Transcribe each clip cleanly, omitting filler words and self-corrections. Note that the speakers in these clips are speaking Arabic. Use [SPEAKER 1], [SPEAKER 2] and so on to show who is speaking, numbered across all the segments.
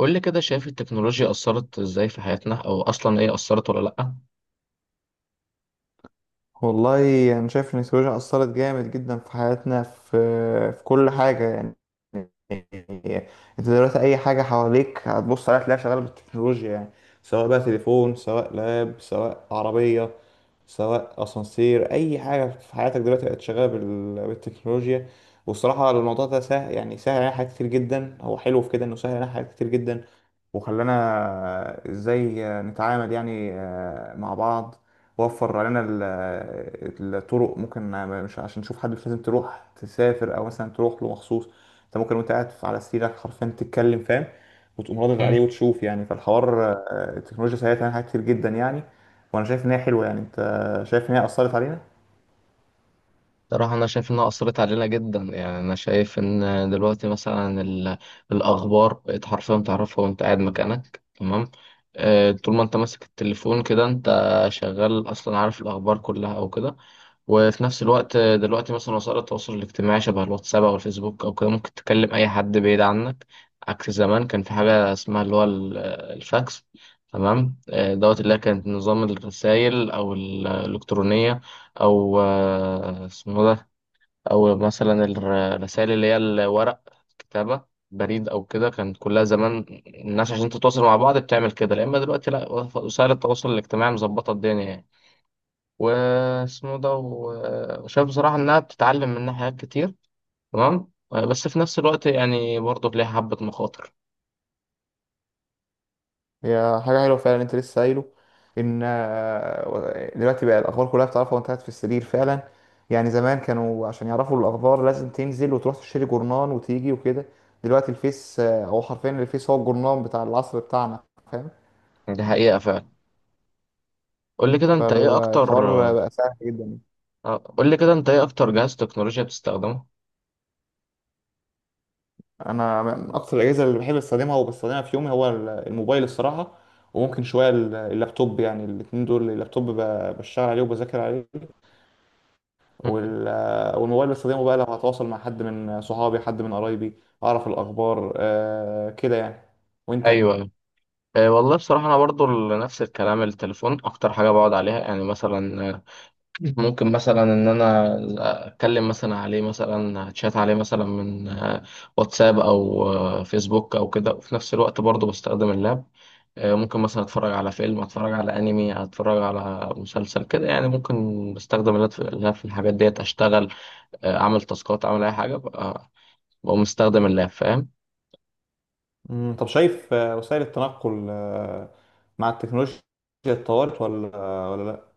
[SPEAKER 1] قول لي كده، شايف التكنولوجيا أثرت إزاي في حياتنا، أو أصلا إيه، أثرت ولا لأ؟
[SPEAKER 2] والله انا يعني شايف ان التكنولوجيا اثرت جامد جدا في حياتنا، في كل حاجه يعني. انت دلوقتي اي حاجه حواليك هتبص عليها تلاقيها شغاله بالتكنولوجيا يعني. سواء بقى تليفون، سواء لاب، سواء عربيه، سواء اسانسير، اي حاجه في حياتك دلوقتي بقت شغاله بالتكنولوجيا. والصراحه الموضوع ده سهل، يعني سهل علينا حاجات كتير جدا، هو حلو في كده انه سهل علينا حاجات كتير جدا. وخلانا ازاي نتعامل يعني مع بعض. وفر علينا الطرق ممكن، مش عشان نشوف حد، مش لازم تروح تسافر او مثلا تروح له مخصوص. انت ممكن وانت قاعد على سريرك حرفيا تتكلم، فاهم؟ وتقوم ردد
[SPEAKER 1] مم.
[SPEAKER 2] عليه وتشوف يعني. فالحوار التكنولوجيا ساعدتنا على حاجات كتير جدا يعني. وانا شايف ان هي حلوه يعني. انت شايف ان هي اثرت علينا.
[SPEAKER 1] صراحة أنا شايف إنها أثرت علينا جدا، يعني أنا شايف إن دلوقتي مثلا الأخبار بقت حرفيا تعرفها وأنت قاعد مكانك، تمام. طول ما أنت ماسك التليفون كده أنت شغال، أصلا عارف الأخبار كلها أو كده. وفي نفس الوقت دلوقتي مثلا وسائل التواصل الاجتماعي شبه الواتساب او الفيسبوك او كده، ممكن تكلم اي حد بعيد عنك، عكس زمان. كان في حاجه اسمها اللي هو الفاكس، تمام، دوت، اللي هي كانت نظام الرسائل او الالكترونيه، او اسمه ده، او مثلا الرسائل اللي هي الورق، كتابه، بريد او كده. كانت كلها زمان الناس عشان تتواصل مع بعض بتعمل كده، لا اما دلوقتي لا، وسائل التواصل الاجتماعي مظبطه الدنيا يعني. واسمه ده وشايف بصراحة إنها بتتعلم منها حاجات كتير، تمام، بس في نفس الوقت يعني برضه ليها حبة مخاطر.
[SPEAKER 2] هي حاجة حلوة فعلا. انت لسه قايله ان دلوقتي بقى الاخبار كلها بتعرفها وانت قاعد في السرير فعلا. يعني زمان كانوا عشان يعرفوا الاخبار لازم تنزل وتروح تشتري جورنان وتيجي وكده. دلوقتي الفيس هو حرفيا الفيس هو الجورنان بتاع العصر بتاعنا، فاهم؟
[SPEAKER 1] دي حقيقة فعلا. قول لي كده أنت إيه أكتر.
[SPEAKER 2] فالحوار بقى سهل جدا يعني.
[SPEAKER 1] قول لي كده أنت إيه أكتر جهاز تكنولوجيا بتستخدمه؟
[SPEAKER 2] انا من اكتر الاجهزة اللي بحب استخدمها وبستخدمها في يومي هو الموبايل الصراحة. وممكن شوية اللابتوب. يعني الاتنين دول، اللابتوب بشتغل عليه وبذاكر عليه
[SPEAKER 1] مم.
[SPEAKER 2] وال... والموبايل بستخدمه بقى لو هتواصل مع حد من صحابي، حد من قرايبي، اعرف الاخبار آه كده يعني. وانت؟
[SPEAKER 1] أيوه، أيوه. والله بصراحة أنا برضه نفس الكلام، التليفون أكتر حاجة بقعد عليها، يعني مثلا ممكن مثلا إن أنا أتكلم مثلا عليه، مثلا أتشات عليه، مثلا من واتساب أو فيسبوك أو كده. وفي نفس الوقت برضه بستخدم اللاب، ممكن مثلا اتفرج على فيلم، اتفرج على انمي، اتفرج على مسلسل كده، يعني ممكن بستخدم اللاب، في اللاب في الحاجات ديت اشتغل، اعمل تاسكات، اعمل اي حاجه بقى، بقوم مستخدم اللاب، فاهم.
[SPEAKER 2] طب شايف وسائل التنقل آه مع التكنولوجيا اتطورت ولا لا؟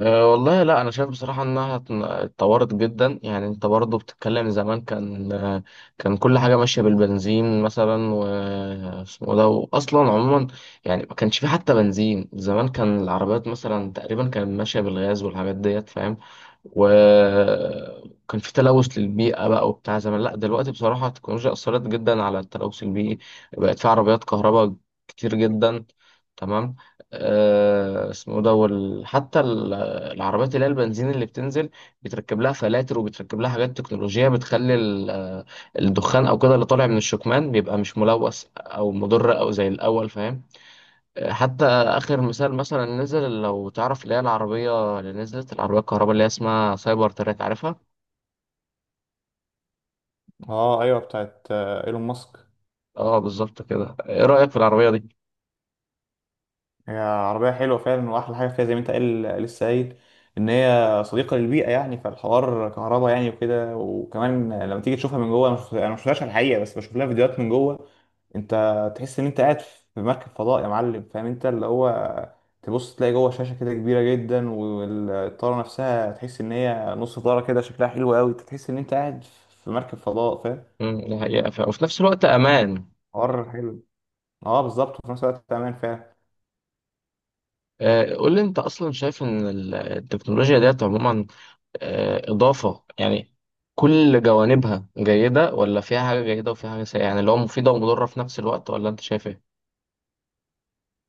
[SPEAKER 1] أه والله لا، انا شايف بصراحه انها اتطورت جدا، يعني انت برضو بتتكلم، زمان كان كان كل حاجه ماشيه بالبنزين مثلا واسمه ده، واصلا عموما يعني ما كانش في حتى بنزين. زمان كان العربيات مثلا تقريبا كانت ماشيه بالغاز والحاجات ديت، فاهم، وكان في تلوث للبيئه بقى وبتاع زمان. لا دلوقتي بصراحه التكنولوجيا اثرت جدا على التلوث البيئي، بقت في عربيات كهرباء كتير جدا، تمام. اسمه ده حتى العربيات اللي هي البنزين اللي بتنزل بيتركب لها فلاتر، وبيتركب لها حاجات تكنولوجية بتخلي الدخان او كده اللي طالع من الشكمان بيبقى مش ملوث او مضر او زي الاول، فاهم. حتى اخر مثال مثلا نزل، لو تعرف اللي هي العربية اللي نزلت، العربية الكهرباء اللي هي اسمها سايبر تراك، عارفها؟
[SPEAKER 2] اه ايوه، بتاعت ايلون ماسك.
[SPEAKER 1] اه بالظبط كده، ايه رأيك في العربية دي؟
[SPEAKER 2] هي عربية حلوة فعلا. وأحلى حاجة فيها زي ما أنت قال لسه قايل إن هي صديقة للبيئة يعني. فالحوار كهرباء يعني وكده. وكمان لما تيجي تشوفها من جوه، أنا ما شفتهاش على الحقيقة، بس بشوف لها فيديوهات من جوه. أنت تحس إن أنت قاعد في مركب فضاء يا معلم، فاهم؟ أنت اللي هو تبص تلاقي جوه شاشة كده كبيرة جدا، والطارة نفسها تحس إن هي نص طارة كده، شكلها حلو أوي، تحس إن أنت قاعد في مركب فضاء، فاهم؟
[SPEAKER 1] مم، دي حقيقة فعلا. وفي نفس الوقت امان.
[SPEAKER 2] حوار حلو. أه بالظبط، وفي نفس الوقت أمان فعلا.
[SPEAKER 1] قول لي انت، اصلا شايف ان التكنولوجيا ديت عموما إضافة يعني، كل جوانبها جيدة، ولا فيها حاجة جيدة وفيها حاجة سيئة، يعني اللي هو مفيدة ومضرة في نفس الوقت، ولا أنت شايف إيه؟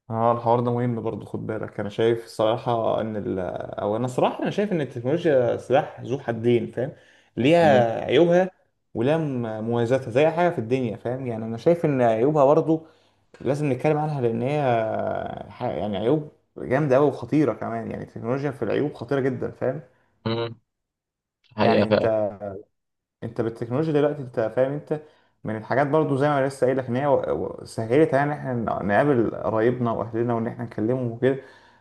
[SPEAKER 2] اه، الحوار ده مهم برضه، خد بالك. انا شايف الصراحه او انا صراحه انا شايف ان التكنولوجيا سلاح ذو حدين، فاهم؟
[SPEAKER 1] مم.
[SPEAKER 2] ليها عيوبها، ولها مميزاتها زي أي حاجه في الدنيا، فاهم؟ يعني انا شايف ان عيوبها برضه لازم نتكلم عنها، لان هي يعني عيوب جامده قوي وخطيره كمان. يعني التكنولوجيا في العيوب خطيره جدا، فاهم؟
[SPEAKER 1] مم.
[SPEAKER 2] يعني
[SPEAKER 1] حقيقة فعلا.
[SPEAKER 2] انت بالتكنولوجيا دلوقتي، انت فاهم؟ انت من الحاجات برضو زي ما انا لسه قايل لك ان هي سهلت علينا ان احنا نقابل قرايبنا واهلنا وان احنا نكلمهم وكده.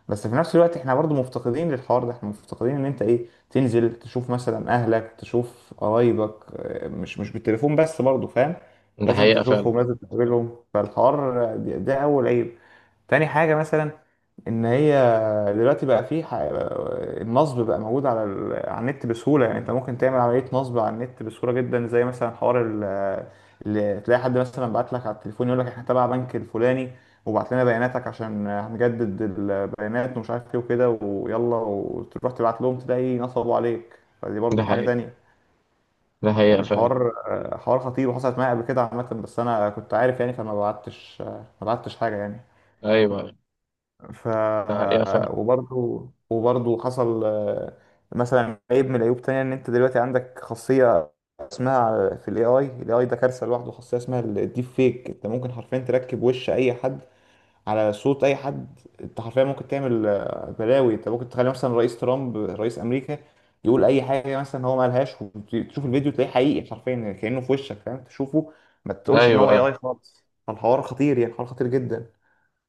[SPEAKER 2] بس في نفس الوقت احنا برضو مفتقدين للحوار ده. احنا مفتقدين ان انت ايه تنزل تشوف مثلا اهلك، تشوف قرايبك، مش بالتليفون بس برضو، فاهم؟
[SPEAKER 1] ده
[SPEAKER 2] لازم
[SPEAKER 1] حقيقة فعلا.
[SPEAKER 2] تشوفهم، لازم تقابلهم. فالحوار ده اول عيب. تاني حاجة مثلا ان هي دلوقتي بقى فيه النصب بقى موجود على على النت بسهولة. يعني انت ممكن تعمل عملية نصب على النت بسهولة جدا، زي مثلا اللي تلاقي حد مثلا بعت لك على التليفون يقول لك احنا تبع بنك الفلاني، وبعت لنا بياناتك عشان هنجدد البيانات ومش عارف ايه وكده، ويلا وتروح تبعت لهم تلاقي نصبوا عليك. فدي برضو
[SPEAKER 1] ده
[SPEAKER 2] حاجة
[SPEAKER 1] حقيقة.
[SPEAKER 2] تانية.
[SPEAKER 1] ده حقيقة
[SPEAKER 2] يعني
[SPEAKER 1] فعلا.
[SPEAKER 2] الحوار حوار خطير، وحصلت معايا قبل كده عامة، بس انا كنت عارف يعني، فما بعتش، ما بعتش حاجة يعني.
[SPEAKER 1] أيوه.
[SPEAKER 2] ف
[SPEAKER 1] ده حقيقة فعلا.
[SPEAKER 2] وبرضه حصل مثلا عيب من العيوب تانية، ان انت دلوقتي عندك خاصية اسمها في الاي اي، الاي اي ده كارثة لوحده، خاصية اسمها الديب فيك. انت ممكن حرفيا تركب وش اي حد على صوت اي حد. انت حرفيا ممكن تعمل بلاوي. انت ممكن تخلي مثلا رئيس ترامب رئيس امريكا يقول اي حاجة مثلا هو ما قالهاش، وتشوف الفيديو تلاقيه حقيقي حرفيا كأنه في وشك، فاهم؟ تشوفه ما تقولش ان
[SPEAKER 1] أيوه،
[SPEAKER 2] هو اي
[SPEAKER 1] أيوه.
[SPEAKER 2] اي خالص. فالحوار خطير، يعني الحوار خطير جدا.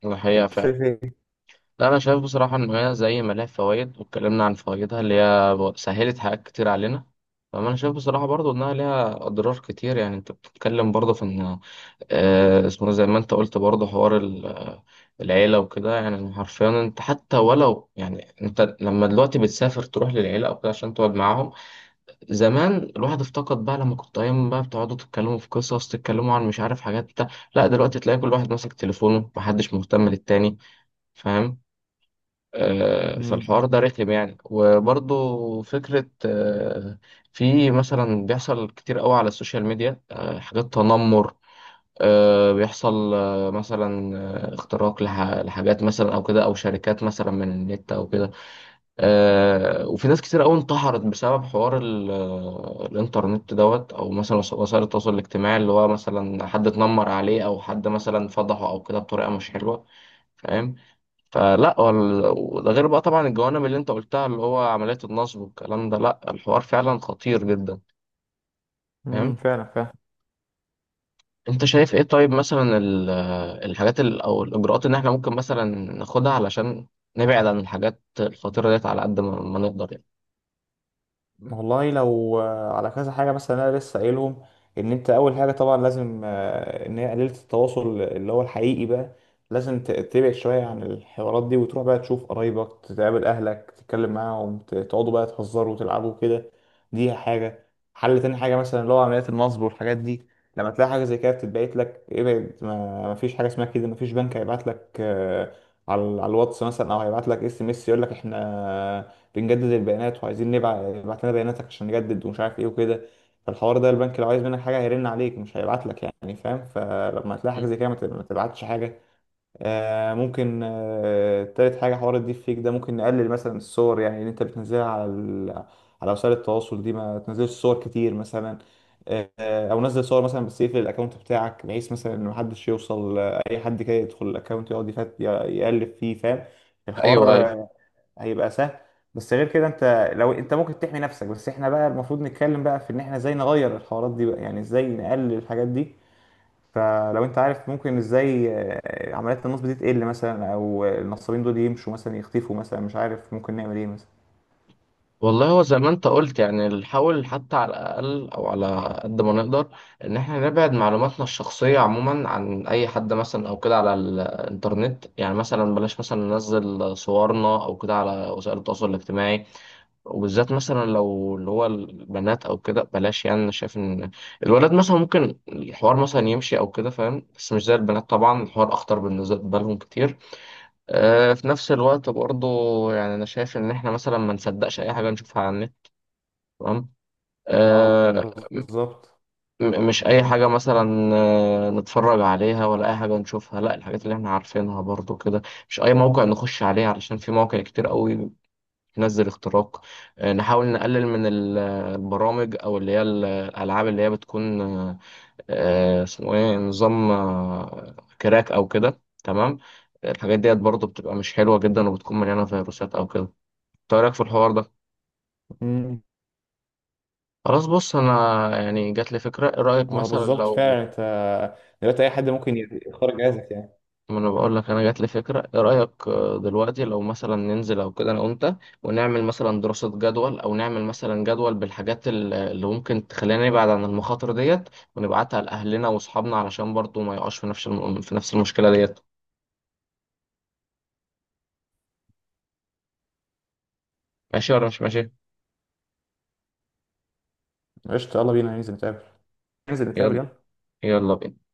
[SPEAKER 1] ده حقيقة
[SPEAKER 2] انت
[SPEAKER 1] فعلا.
[SPEAKER 2] شايف ايه؟
[SPEAKER 1] لا انا شايف بصراحه ان هي زي ما لها فوائد واتكلمنا عن فوائدها اللي هي سهلت حاجات كتير علينا، فانا شايف بصراحه برضو انها ليها اضرار كتير، يعني انت بتتكلم برضو في ان اسمه، زي ما انت قلت برضو، حوار العيله وكده. يعني حرفيا انت حتى ولو يعني، انت لما دلوقتي بتسافر تروح للعيله او كده عشان تقعد معاهم، زمان الواحد افتقد بقى لما كنت ايام بقى بتقعدوا تتكلموا في قصص، تتكلموا عن مش عارف حاجات بتاع، لا دلوقتي تلاقي كل واحد ماسك تليفونه، محدش مهتم للتاني، فاهم.
[SPEAKER 2] مم.
[SPEAKER 1] فالحوار ده رخم يعني. وبرضه فكرة، في مثلا بيحصل كتير قوي على السوشيال ميديا حاجات تنمر، بيحصل مثلا اختراق لحاجات مثلا او كده، او شركات مثلا من النت او كده. وفي ناس كتير قوي انتحرت بسبب حوار الانترنت دوت، او مثلا وسائل التواصل الاجتماعي، اللي هو مثلا حد اتنمر عليه او حد مثلا فضحه او كده بطريقة مش حلوة، فاهم. فلا، وده غير بقى طبعا الجوانب اللي انت قلتها اللي هو عملية النصب والكلام ده، لا الحوار فعلا خطير جدا،
[SPEAKER 2] امم،
[SPEAKER 1] فاهم.
[SPEAKER 2] فعلا فعلا.
[SPEAKER 1] انت شايف ايه، طيب مثلا الحاجات او الاجراءات اللي احنا ممكن مثلا ناخدها علشان نبعد عن الحاجات الخطيرة ديت على قد ما نقدر يعني؟
[SPEAKER 2] والله لو على كذا حاجه، مثلا انا لسه قايلهم ان انت اول حاجه طبعا لازم ان هي قليله التواصل اللي هو الحقيقي بقى. لازم تبعد شويه عن الحوارات دي، وتروح بقى تشوف قرايبك، تقابل اهلك، تتكلم معاهم، تقعدوا بقى تهزروا وتلعبوا كده. دي حاجه حل. تاني حاجه مثلا اللي هو عمليات النصب والحاجات دي. لما تلاقي حاجه زي كده بتتبعت لك، ابعد. ما فيش حاجه اسمها كده. ما فيش بنك هيبعت لك على الواتس مثلا، او هيبعت لك SMS يقول لك احنا بنجدد البيانات وعايزين نبعت، ابعت لنا بياناتك عشان نجدد ومش عارف ايه وكده. فالحوار ده البنك لو عايز منك حاجه هيرن عليك، مش هيبعت لك، يعني فاهم؟ فلما تلاقي
[SPEAKER 1] م؟
[SPEAKER 2] حاجه زي كده ما تبعتش حاجه. آه ممكن، تالت حاجه حوار الديب فيك ده، ممكن نقلل مثلا الصور يعني اللي انت بتنزلها على على وسائل التواصل دي. ما تنزلش صور كتير مثلا، او نزل صور مثلا، بس يقفل الاكونت بتاعك، بحيث مثلا ان محدش يوصل، اي حد كده يدخل الاكونت يقعد يفت يقلب فيه، فاهم؟
[SPEAKER 1] ايوه.
[SPEAKER 2] الحوار هيبقى سهل. بس غير كده انت لو انت ممكن تحمي نفسك. بس احنا بقى المفروض نتكلم بقى في ان احنا ازاي نغير الحوارات دي بقى، يعني ازاي نقلل الحاجات دي. فلو انت عارف ممكن ازاي عمليات النصب دي تقل مثلا، او النصابين دول يمشوا مثلا، يختفوا مثلا، مش عارف ممكن نعمل ايه مثلا.
[SPEAKER 1] والله هو زي ما انت قلت، يعني نحاول حتى على الأقل أو على قد ما نقدر إن احنا نبعد معلوماتنا الشخصية عموما عن أي حد، مثلا أو كده على الإنترنت، يعني مثلا بلاش مثلا ننزل صورنا أو كده على وسائل التواصل الاجتماعي، وبالذات مثلا لو اللي هو البنات أو كده بلاش. يعني أنا شايف إن الولاد مثلا ممكن الحوار مثلا يمشي أو كده، فاهم، بس مش زي البنات. طبعا الحوار أخطر بالنسبة لهم كتير. في نفس الوقت برضه يعني أنا شايف إن احنا مثلا ما نصدقش أي حاجة نشوفها على النت، تمام.
[SPEAKER 2] اه
[SPEAKER 1] آه
[SPEAKER 2] بالظبط.
[SPEAKER 1] مش اي حاجه مثلا نتفرج عليها ولا اي حاجه نشوفها، لا الحاجات اللي احنا عارفينها برضو كده. مش اي موقع نخش عليه، علشان في مواقع كتير قوي بتنزل اختراق. نحاول نقلل من البرامج او اللي هي الالعاب اللي هي بتكون اسمه ايه، نظام كراك او كده، تمام. الحاجات ديت برضو بتبقى مش حلوه جدا وبتكون مليانه فيروسات او كده. إنت إيه رايك في الحوار ده؟
[SPEAKER 2] امم.
[SPEAKER 1] خلاص بص، انا يعني جات لي فكره، ايه رايك
[SPEAKER 2] اه
[SPEAKER 1] مثلا
[SPEAKER 2] بالظبط
[SPEAKER 1] لو...
[SPEAKER 2] فعلا. انت دلوقتي اي حد ممكن يختار جهازك يعني.
[SPEAKER 1] ما انا بقول لك، انا جات لي فكره، ايه رايك دلوقتي لو مثلا ننزل او كده انا وانت، ونعمل مثلا دراسه، جدول، او نعمل مثلا جدول بالحاجات اللي ممكن تخلينا نبعد عن المخاطر ديت، ونبعتها لاهلنا واصحابنا علشان برضو ما يقعش في نفس في نفس المشكله ديت، ماشي ولا مش ماشي؟
[SPEAKER 2] قشطة، يلا بينا ننزل نتقابل، ننزل نتقابل
[SPEAKER 1] يلا،
[SPEAKER 2] يلا.
[SPEAKER 1] يلا بينا.